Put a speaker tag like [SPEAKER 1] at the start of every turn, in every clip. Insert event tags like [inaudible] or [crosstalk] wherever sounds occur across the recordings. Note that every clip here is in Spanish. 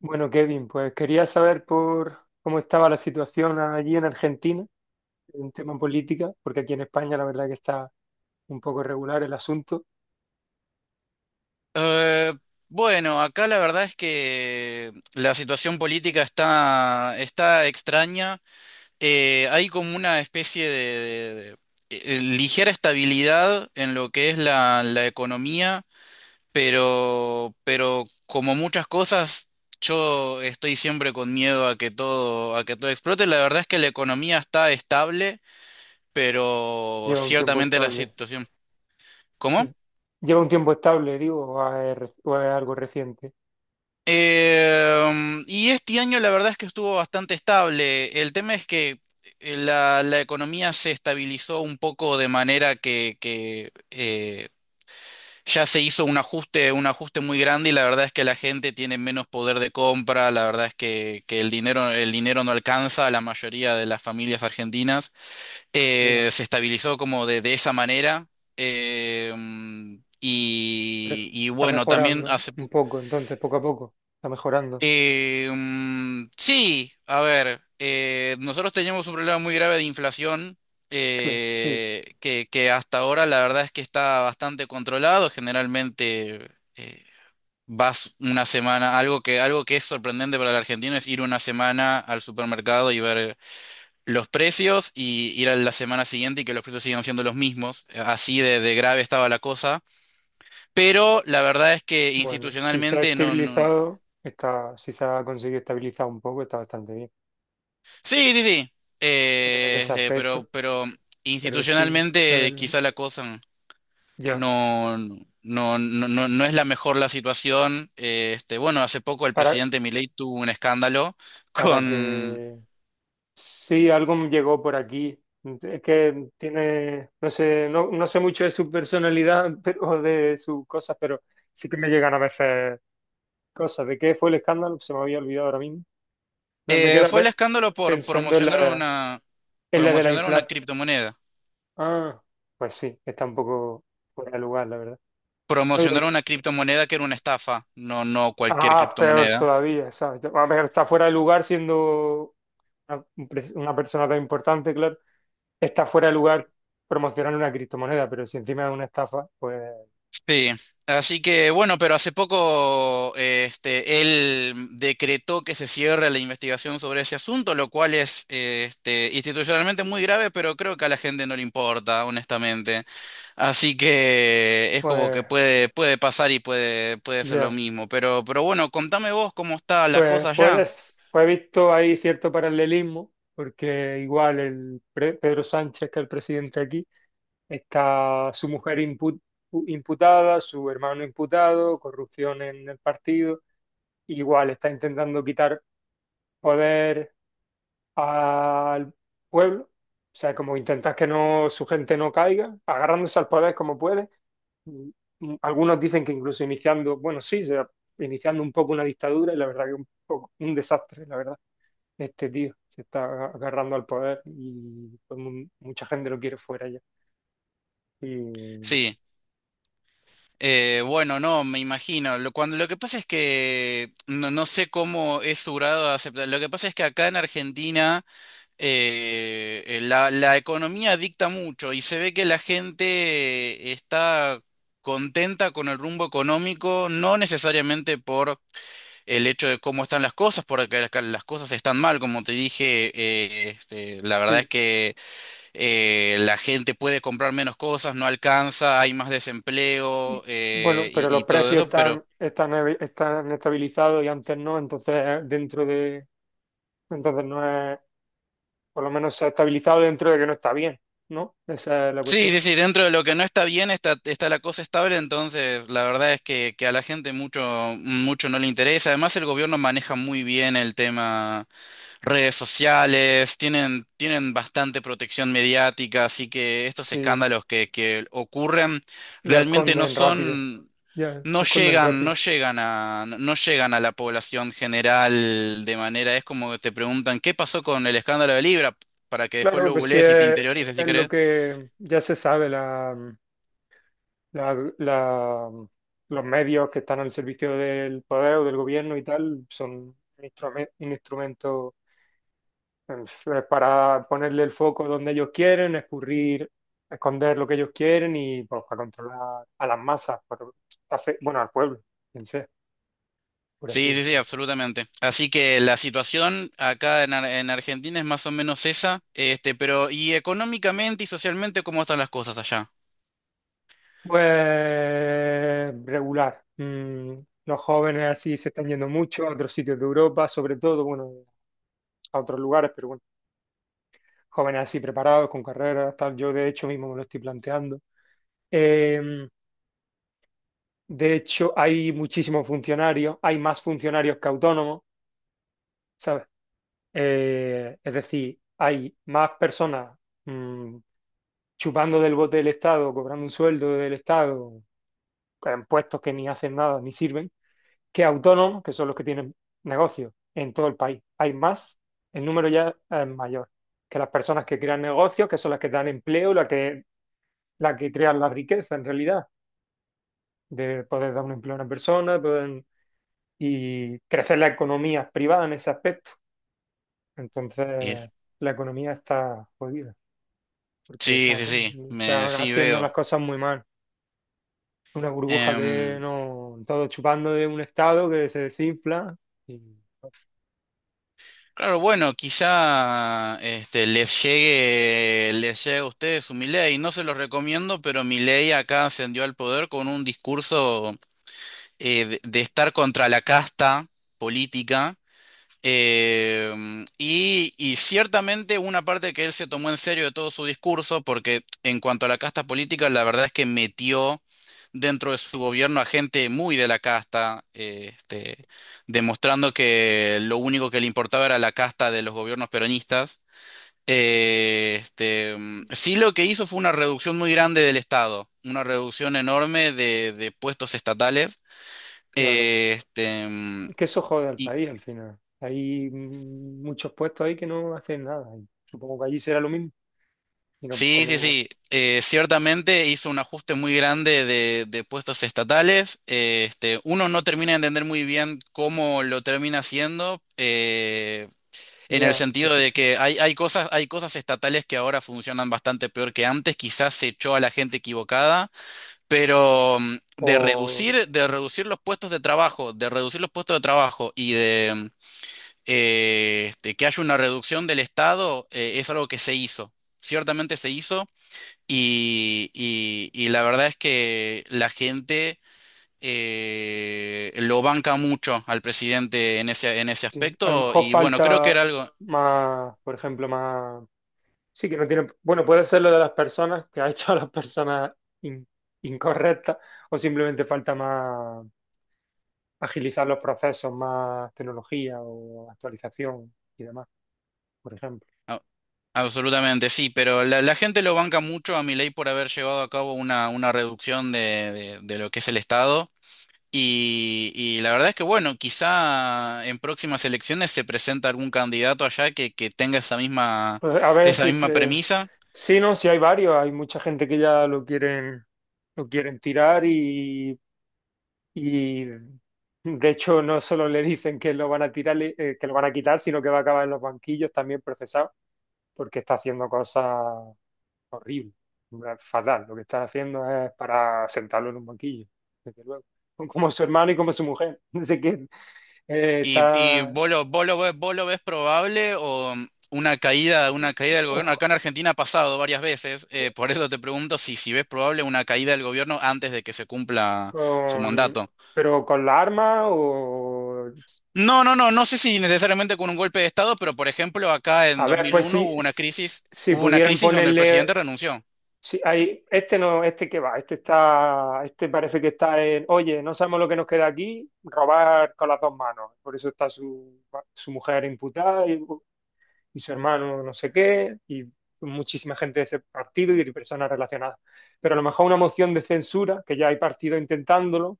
[SPEAKER 1] Bueno, Kevin, pues quería saber por cómo estaba la situación allí en Argentina, en tema política, porque aquí en España la verdad que está un poco irregular el asunto.
[SPEAKER 2] Eh, bueno, acá la verdad es que la situación política está extraña. Hay como una especie de- de ligera estabilidad en lo que es la economía, pero como muchas cosas, yo estoy siempre con miedo a que todo explote. La verdad es que la economía está estable, pero
[SPEAKER 1] Lleva un tiempo
[SPEAKER 2] ciertamente la
[SPEAKER 1] estable.
[SPEAKER 2] situación. ¿Cómo?
[SPEAKER 1] Sí. Lleva un tiempo estable, digo, o es, o es algo reciente.
[SPEAKER 2] Y este año la verdad es que estuvo bastante estable. El tema es que la economía se estabilizó un poco de manera que ya se hizo un ajuste muy grande y la verdad es que la gente tiene menos poder de compra, la verdad es que el dinero no alcanza a la mayoría de las familias argentinas.
[SPEAKER 1] Ya.
[SPEAKER 2] Se estabilizó como de esa manera. Em,
[SPEAKER 1] Pero
[SPEAKER 2] y, y
[SPEAKER 1] está
[SPEAKER 2] bueno, también
[SPEAKER 1] mejorando
[SPEAKER 2] hace...
[SPEAKER 1] un poco, entonces, poco a poco. Está mejorando.
[SPEAKER 2] Sí, a ver, nosotros teníamos un problema muy grave de inflación
[SPEAKER 1] Claro, sí.
[SPEAKER 2] que hasta ahora la verdad es que está bastante controlado. Generalmente eh, vas una semana, algo que es sorprendente para el argentino es ir una semana al supermercado y ver los precios y ir a la semana siguiente y que los precios sigan siendo los mismos. Así de grave estaba la cosa. Pero la verdad es que
[SPEAKER 1] Bueno, si se ha
[SPEAKER 2] institucionalmente no, no.
[SPEAKER 1] estabilizado, está, si se ha conseguido estabilizar un poco, está bastante bien
[SPEAKER 2] Sí, sí, sí.
[SPEAKER 1] en
[SPEAKER 2] Eh,
[SPEAKER 1] ese
[SPEAKER 2] este,
[SPEAKER 1] aspecto.
[SPEAKER 2] pero, pero
[SPEAKER 1] Pero sí,
[SPEAKER 2] institucionalmente
[SPEAKER 1] el-
[SPEAKER 2] quizá la cosa
[SPEAKER 1] ya.
[SPEAKER 2] no, no, no, no, no es la mejor la situación. Bueno, hace poco el
[SPEAKER 1] Para,
[SPEAKER 2] presidente Milei tuvo un escándalo
[SPEAKER 1] para
[SPEAKER 2] con...
[SPEAKER 1] que... Sí, algo me llegó por aquí. Es que tiene, no sé, no, no sé mucho de su personalidad [laughs] pero, o de sus cosas, pero sí que me llegan a veces cosas. ¿De qué fue el escándalo? Se me había olvidado ahora mismo. No, me queda
[SPEAKER 2] fue el escándalo por
[SPEAKER 1] pensando
[SPEAKER 2] promocionar
[SPEAKER 1] en la de la
[SPEAKER 2] promocionar una
[SPEAKER 1] inflación.
[SPEAKER 2] criptomoneda.
[SPEAKER 1] Ah, pues sí, está un poco fuera de lugar, la verdad.
[SPEAKER 2] Promocionar
[SPEAKER 1] Eh,
[SPEAKER 2] una criptomoneda que era una estafa, no, no cualquier
[SPEAKER 1] Ah, peor
[SPEAKER 2] criptomoneda.
[SPEAKER 1] todavía, ¿sabes? A ver, está fuera de lugar siendo una, una persona tan importante, claro. Está fuera de lugar promocionar una criptomoneda, pero si encima es una estafa, pues,
[SPEAKER 2] Sí, así que bueno, pero hace poco él decretó que se cierre la investigación sobre ese asunto, lo cual es institucionalmente muy grave, pero creo que a la gente no le importa, honestamente. Así que es como que
[SPEAKER 1] pues,
[SPEAKER 2] puede, puede pasar y puede, puede ser lo
[SPEAKER 1] ya.
[SPEAKER 2] mismo. Pero bueno, contame vos cómo está la
[SPEAKER 1] Pues,
[SPEAKER 2] cosa ya.
[SPEAKER 1] puedes, pues he visto ahí cierto paralelismo, porque igual Pedro Sánchez, que es el presidente aquí, está su mujer imputada, su hermano imputado, corrupción en el partido, igual está intentando quitar poder al pueblo, o sea, como intentar que no, su gente no caiga, agarrándose al poder como puede. Mm, mm, algunos dicen que incluso iniciando, bueno, sí, iniciando un poco una dictadura y la verdad que un poco un desastre, la verdad. Este tío se está agarrando al poder y pues, mucha gente lo quiere fuera ya. Y
[SPEAKER 2] Sí. Bueno, no, me imagino. Lo que pasa es que no, no sé cómo es su grado de aceptación. Lo que pasa es que acá en Argentina la economía dicta mucho y se ve que la gente está contenta con el rumbo económico, no necesariamente por el hecho de cómo están las cosas, porque las cosas están mal, como te dije, la verdad es
[SPEAKER 1] sí,
[SPEAKER 2] que la gente puede comprar menos cosas, no alcanza, hay más
[SPEAKER 1] mm,
[SPEAKER 2] desempleo eh,
[SPEAKER 1] bueno, pero
[SPEAKER 2] y, y
[SPEAKER 1] los
[SPEAKER 2] todo
[SPEAKER 1] precios
[SPEAKER 2] eso.
[SPEAKER 1] están, están estabilizados y antes no, entonces dentro de, entonces no es, por lo menos se ha estabilizado dentro de que no está bien, ¿no? Esa es la
[SPEAKER 2] Sí,
[SPEAKER 1] cuestión.
[SPEAKER 2] sí, sí, dentro de lo que no está bien está la cosa estable, entonces la verdad es que a la gente mucho, mucho no le interesa. Además, el gobierno maneja muy bien el tema redes sociales, tienen bastante protección mediática, así que estos
[SPEAKER 1] Sí,
[SPEAKER 2] escándalos que ocurren
[SPEAKER 1] lo
[SPEAKER 2] realmente no
[SPEAKER 1] esconden rápido,
[SPEAKER 2] son,
[SPEAKER 1] ya, lo
[SPEAKER 2] no
[SPEAKER 1] esconden
[SPEAKER 2] llegan,
[SPEAKER 1] rápido.
[SPEAKER 2] no llegan a, no llegan a la población general de manera, es como que te preguntan, ¿qué pasó con el escándalo de Libra? Para que después
[SPEAKER 1] Claro,
[SPEAKER 2] lo
[SPEAKER 1] pues sí
[SPEAKER 2] googlees y te interiorices, si
[SPEAKER 1] es lo
[SPEAKER 2] querés.
[SPEAKER 1] que ya se sabe, la- la- mm, los medios que están al servicio del poder o del gobierno y tal son un un instrumento para ponerle el foco donde ellos quieren, escurrir, esconder lo que ellos quieren y pues, para controlar a las masas, bueno, al pueblo, en sí, por así
[SPEAKER 2] Sí, sí, sí,
[SPEAKER 1] decirlo.
[SPEAKER 2] absolutamente. Así que la situación acá en, en Argentina es más o menos esa, este, pero y económicamente y socialmente, ¿cómo están las cosas allá?
[SPEAKER 1] Pues regular. Mm, los jóvenes así se están yendo mucho a otros sitios de Europa, sobre todo, bueno, a otros lugares, pero bueno, jóvenes así preparados, con carreras, tal. Yo de hecho mismo me lo estoy planteando. Eh, de hecho, hay muchísimos funcionarios, hay más funcionarios que autónomos, ¿sabes? Es decir, hay más personas mm, chupando del bote del Estado, cobrando un sueldo del Estado, en puestos que ni hacen nada, ni sirven que autónomos, que son los que tienen negocios en todo el país. Hay más, el número ya es mayor, que las personas que crean negocios, que son las que dan empleo, las que crean la riqueza en realidad, de poder dar un empleo a una persona poder, y crecer la economía privada en ese aspecto. Entonces,
[SPEAKER 2] Y-
[SPEAKER 1] la economía está jodida, porque
[SPEAKER 2] sí, sí, sí, me,
[SPEAKER 1] está
[SPEAKER 2] sí
[SPEAKER 1] haciendo las
[SPEAKER 2] veo.
[SPEAKER 1] cosas muy mal. Una burbuja que
[SPEAKER 2] Em,
[SPEAKER 1] no, todo chupando de un estado que se desinfla y
[SPEAKER 2] claro, bueno, quizá este, les llegue a ustedes su Milei. No se los recomiendo, pero Milei acá ascendió al poder con un discurso de estar contra la casta política. Y ciertamente una parte que él se tomó en serio de todo su discurso, porque en cuanto a la casta política, la verdad es que metió dentro de su gobierno a gente muy de la casta, demostrando que lo único que le importaba era la casta de los gobiernos peronistas. Sí, lo que hizo fue una reducción muy grande del Estado, una reducción enorme de puestos estatales.
[SPEAKER 1] claro,
[SPEAKER 2] eh, este, mm,
[SPEAKER 1] que eso jode al país al final. Hay mm, muchos puestos ahí que no hacen nada. Y supongo que allí será lo mismo. Y no,
[SPEAKER 2] Sí, sí,
[SPEAKER 1] como,
[SPEAKER 2] sí. Ciertamente hizo un ajuste muy grande de puestos estatales. Uno no termina de entender muy bien cómo lo termina haciendo, en el
[SPEAKER 1] ya,
[SPEAKER 2] sentido
[SPEAKER 1] eso
[SPEAKER 2] de
[SPEAKER 1] sí.
[SPEAKER 2] que hay, hay cosas estatales que ahora funcionan bastante peor que antes. Quizás se echó a la gente equivocada, pero
[SPEAKER 1] O
[SPEAKER 2] de reducir los puestos de trabajo, de reducir los puestos de trabajo y de que haya una reducción del Estado, es algo que se hizo. Ciertamente se hizo. Y la verdad es que la gente lo banca mucho al presidente en ese
[SPEAKER 1] sí, a lo
[SPEAKER 2] aspecto.
[SPEAKER 1] mejor
[SPEAKER 2] Y bueno, creo que
[SPEAKER 1] falta
[SPEAKER 2] era algo.
[SPEAKER 1] más, por ejemplo, más. Sí, que no tiene. Bueno, puede ser lo de las personas, que ha [laughs] hecho a las personas in- incorrectas, o simplemente falta más agilizar los procesos, más tecnología o actualización y demás, por ejemplo.
[SPEAKER 2] a- Absolutamente, sí, pero la gente lo banca mucho a Milei por haber llevado a cabo una reducción de lo que es el Estado. Y la verdad es que, bueno, quizá en próximas elecciones se presenta algún candidato allá que tenga
[SPEAKER 1] Pues a ver
[SPEAKER 2] esa
[SPEAKER 1] si
[SPEAKER 2] misma
[SPEAKER 1] este.
[SPEAKER 2] premisa.
[SPEAKER 1] Sí, no, sí hay varios. Hay mucha gente que ya lo quieren tirar y de hecho no solo le dicen que lo van a tirar, que lo van a quitar, sino que va a acabar en los banquillos también procesado, porque está haciendo cosas horribles, fatal. Lo que está haciendo es para sentarlo en un banquillo, desde luego. Como su hermano y como su mujer. [laughs] Dice que
[SPEAKER 2] ¿Y, y
[SPEAKER 1] está
[SPEAKER 2] vos lo, vos lo ves, vos lo ves probable o una caída del gobierno?
[SPEAKER 1] ojo,
[SPEAKER 2] Acá en Argentina ha pasado varias veces, por eso te pregunto si, si ves probable una caída del gobierno antes de que se cumpla su
[SPEAKER 1] con,
[SPEAKER 2] mandato.
[SPEAKER 1] pero con la arma o
[SPEAKER 2] No, no, no, no sé si necesariamente con un golpe de Estado, pero por ejemplo acá en
[SPEAKER 1] a ver, pues
[SPEAKER 2] 2001
[SPEAKER 1] si, si
[SPEAKER 2] hubo una
[SPEAKER 1] pudieran
[SPEAKER 2] crisis donde el presidente
[SPEAKER 1] ponerle,
[SPEAKER 2] renunció.
[SPEAKER 1] si hay, este no, este que va, este está, este parece que está en, oye, no sabemos lo que nos queda aquí, robar con las dos manos. Por eso está su, su mujer imputada y su hermano no sé qué, y muchísima gente de ese partido y de personas relacionadas. Pero a lo mejor una moción de censura, que ya hay partido intentándolo,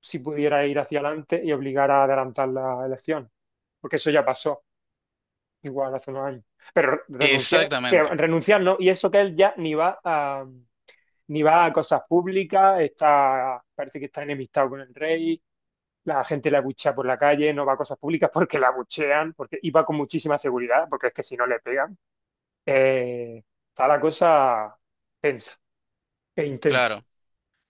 [SPEAKER 1] si pudiera ir hacia adelante y obligar a adelantar la elección, porque eso ya pasó. Igual hace unos años. Pero renunciar, que
[SPEAKER 2] Exactamente,
[SPEAKER 1] renunciar no, y eso que él ya ni va a ni va a cosas públicas, está, parece que está enemistado con el rey, la gente le abuchea por la calle, no va a cosas públicas porque la abuchean, porque y va con muchísima seguridad, porque es que si no le pegan. Eh, está la cosa tensa e intensa.
[SPEAKER 2] claro.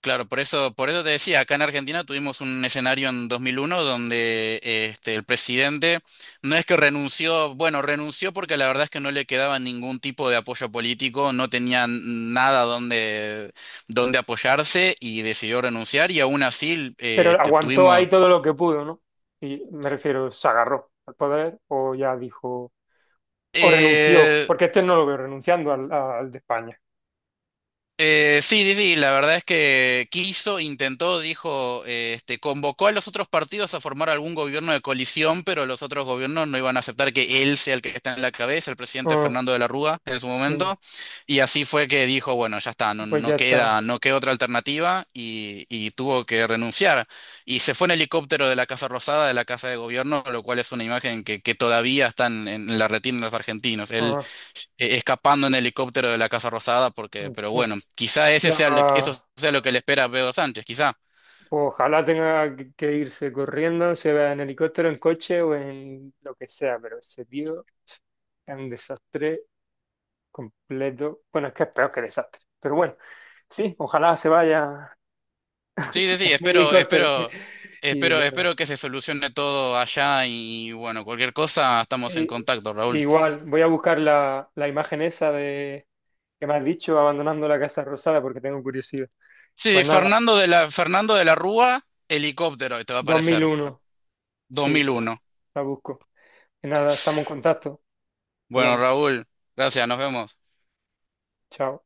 [SPEAKER 2] Claro, por eso te decía, acá en Argentina tuvimos un escenario en 2001 donde este, el presidente no es que renunció, bueno, renunció porque la verdad es que no le quedaba ningún tipo de apoyo político, no tenía nada donde, donde apoyarse y decidió renunciar y aún así
[SPEAKER 1] Pero aguantó
[SPEAKER 2] tuvimos...
[SPEAKER 1] ahí todo lo que pudo, ¿no? Y me refiero, se agarró al poder o ya dijo, o renunció,
[SPEAKER 2] eh,
[SPEAKER 1] porque este no lo veo renunciando al, al de España.
[SPEAKER 2] Sí, sí, sí, la verdad es que quiso, intentó, dijo, convocó a los otros partidos a formar algún gobierno de coalición, pero los otros gobiernos no iban a aceptar que él sea el que está en la cabeza, el presidente
[SPEAKER 1] Ah,
[SPEAKER 2] Fernando de la Rúa en su
[SPEAKER 1] sí,
[SPEAKER 2] momento, y así fue que dijo, bueno, ya está, no,
[SPEAKER 1] pues
[SPEAKER 2] no
[SPEAKER 1] ya está.
[SPEAKER 2] queda, no queda otra alternativa y tuvo que renunciar. Y se fue en helicóptero de la Casa Rosada, de la Casa de Gobierno, lo cual es una imagen que todavía está en la retina de los argentinos,
[SPEAKER 1] Ah,
[SPEAKER 2] escapando en helicóptero de la Casa Rosada, porque, pero
[SPEAKER 1] hostia.
[SPEAKER 2] bueno, quizá ese sea eso
[SPEAKER 1] La,
[SPEAKER 2] sea lo que le espera a Pedro Sánchez, quizá.
[SPEAKER 1] pues ojalá tenga que irse corriendo, se vea en helicóptero, en coche o en lo que sea, pero ese tío es un desastre completo. Bueno, es que es peor que desastre, pero bueno, sí, ojalá se vaya
[SPEAKER 2] Sí, sí, sí,
[SPEAKER 1] [laughs] en
[SPEAKER 2] espero,
[SPEAKER 1] helicóptero.
[SPEAKER 2] espero,
[SPEAKER 1] Y,
[SPEAKER 2] espero,
[SPEAKER 1] nada,
[SPEAKER 2] espero que se solucione todo allá y bueno, cualquier cosa estamos en
[SPEAKER 1] y-
[SPEAKER 2] contacto, Raúl.
[SPEAKER 1] igual, voy a buscar la, la imagen esa de que me has dicho, abandonando la Casa Rosada, porque tengo curiosidad.
[SPEAKER 2] Sí,
[SPEAKER 1] Pues nada,
[SPEAKER 2] Fernando de la Rúa, helicóptero, te va a
[SPEAKER 1] dos mil
[SPEAKER 2] aparecer,
[SPEAKER 1] uno sí, la
[SPEAKER 2] 2001.
[SPEAKER 1] la busco. Y nada, estamos en contacto.
[SPEAKER 2] Bueno,
[SPEAKER 1] Hablamos.
[SPEAKER 2] Raúl, gracias, nos vemos.
[SPEAKER 1] Chao.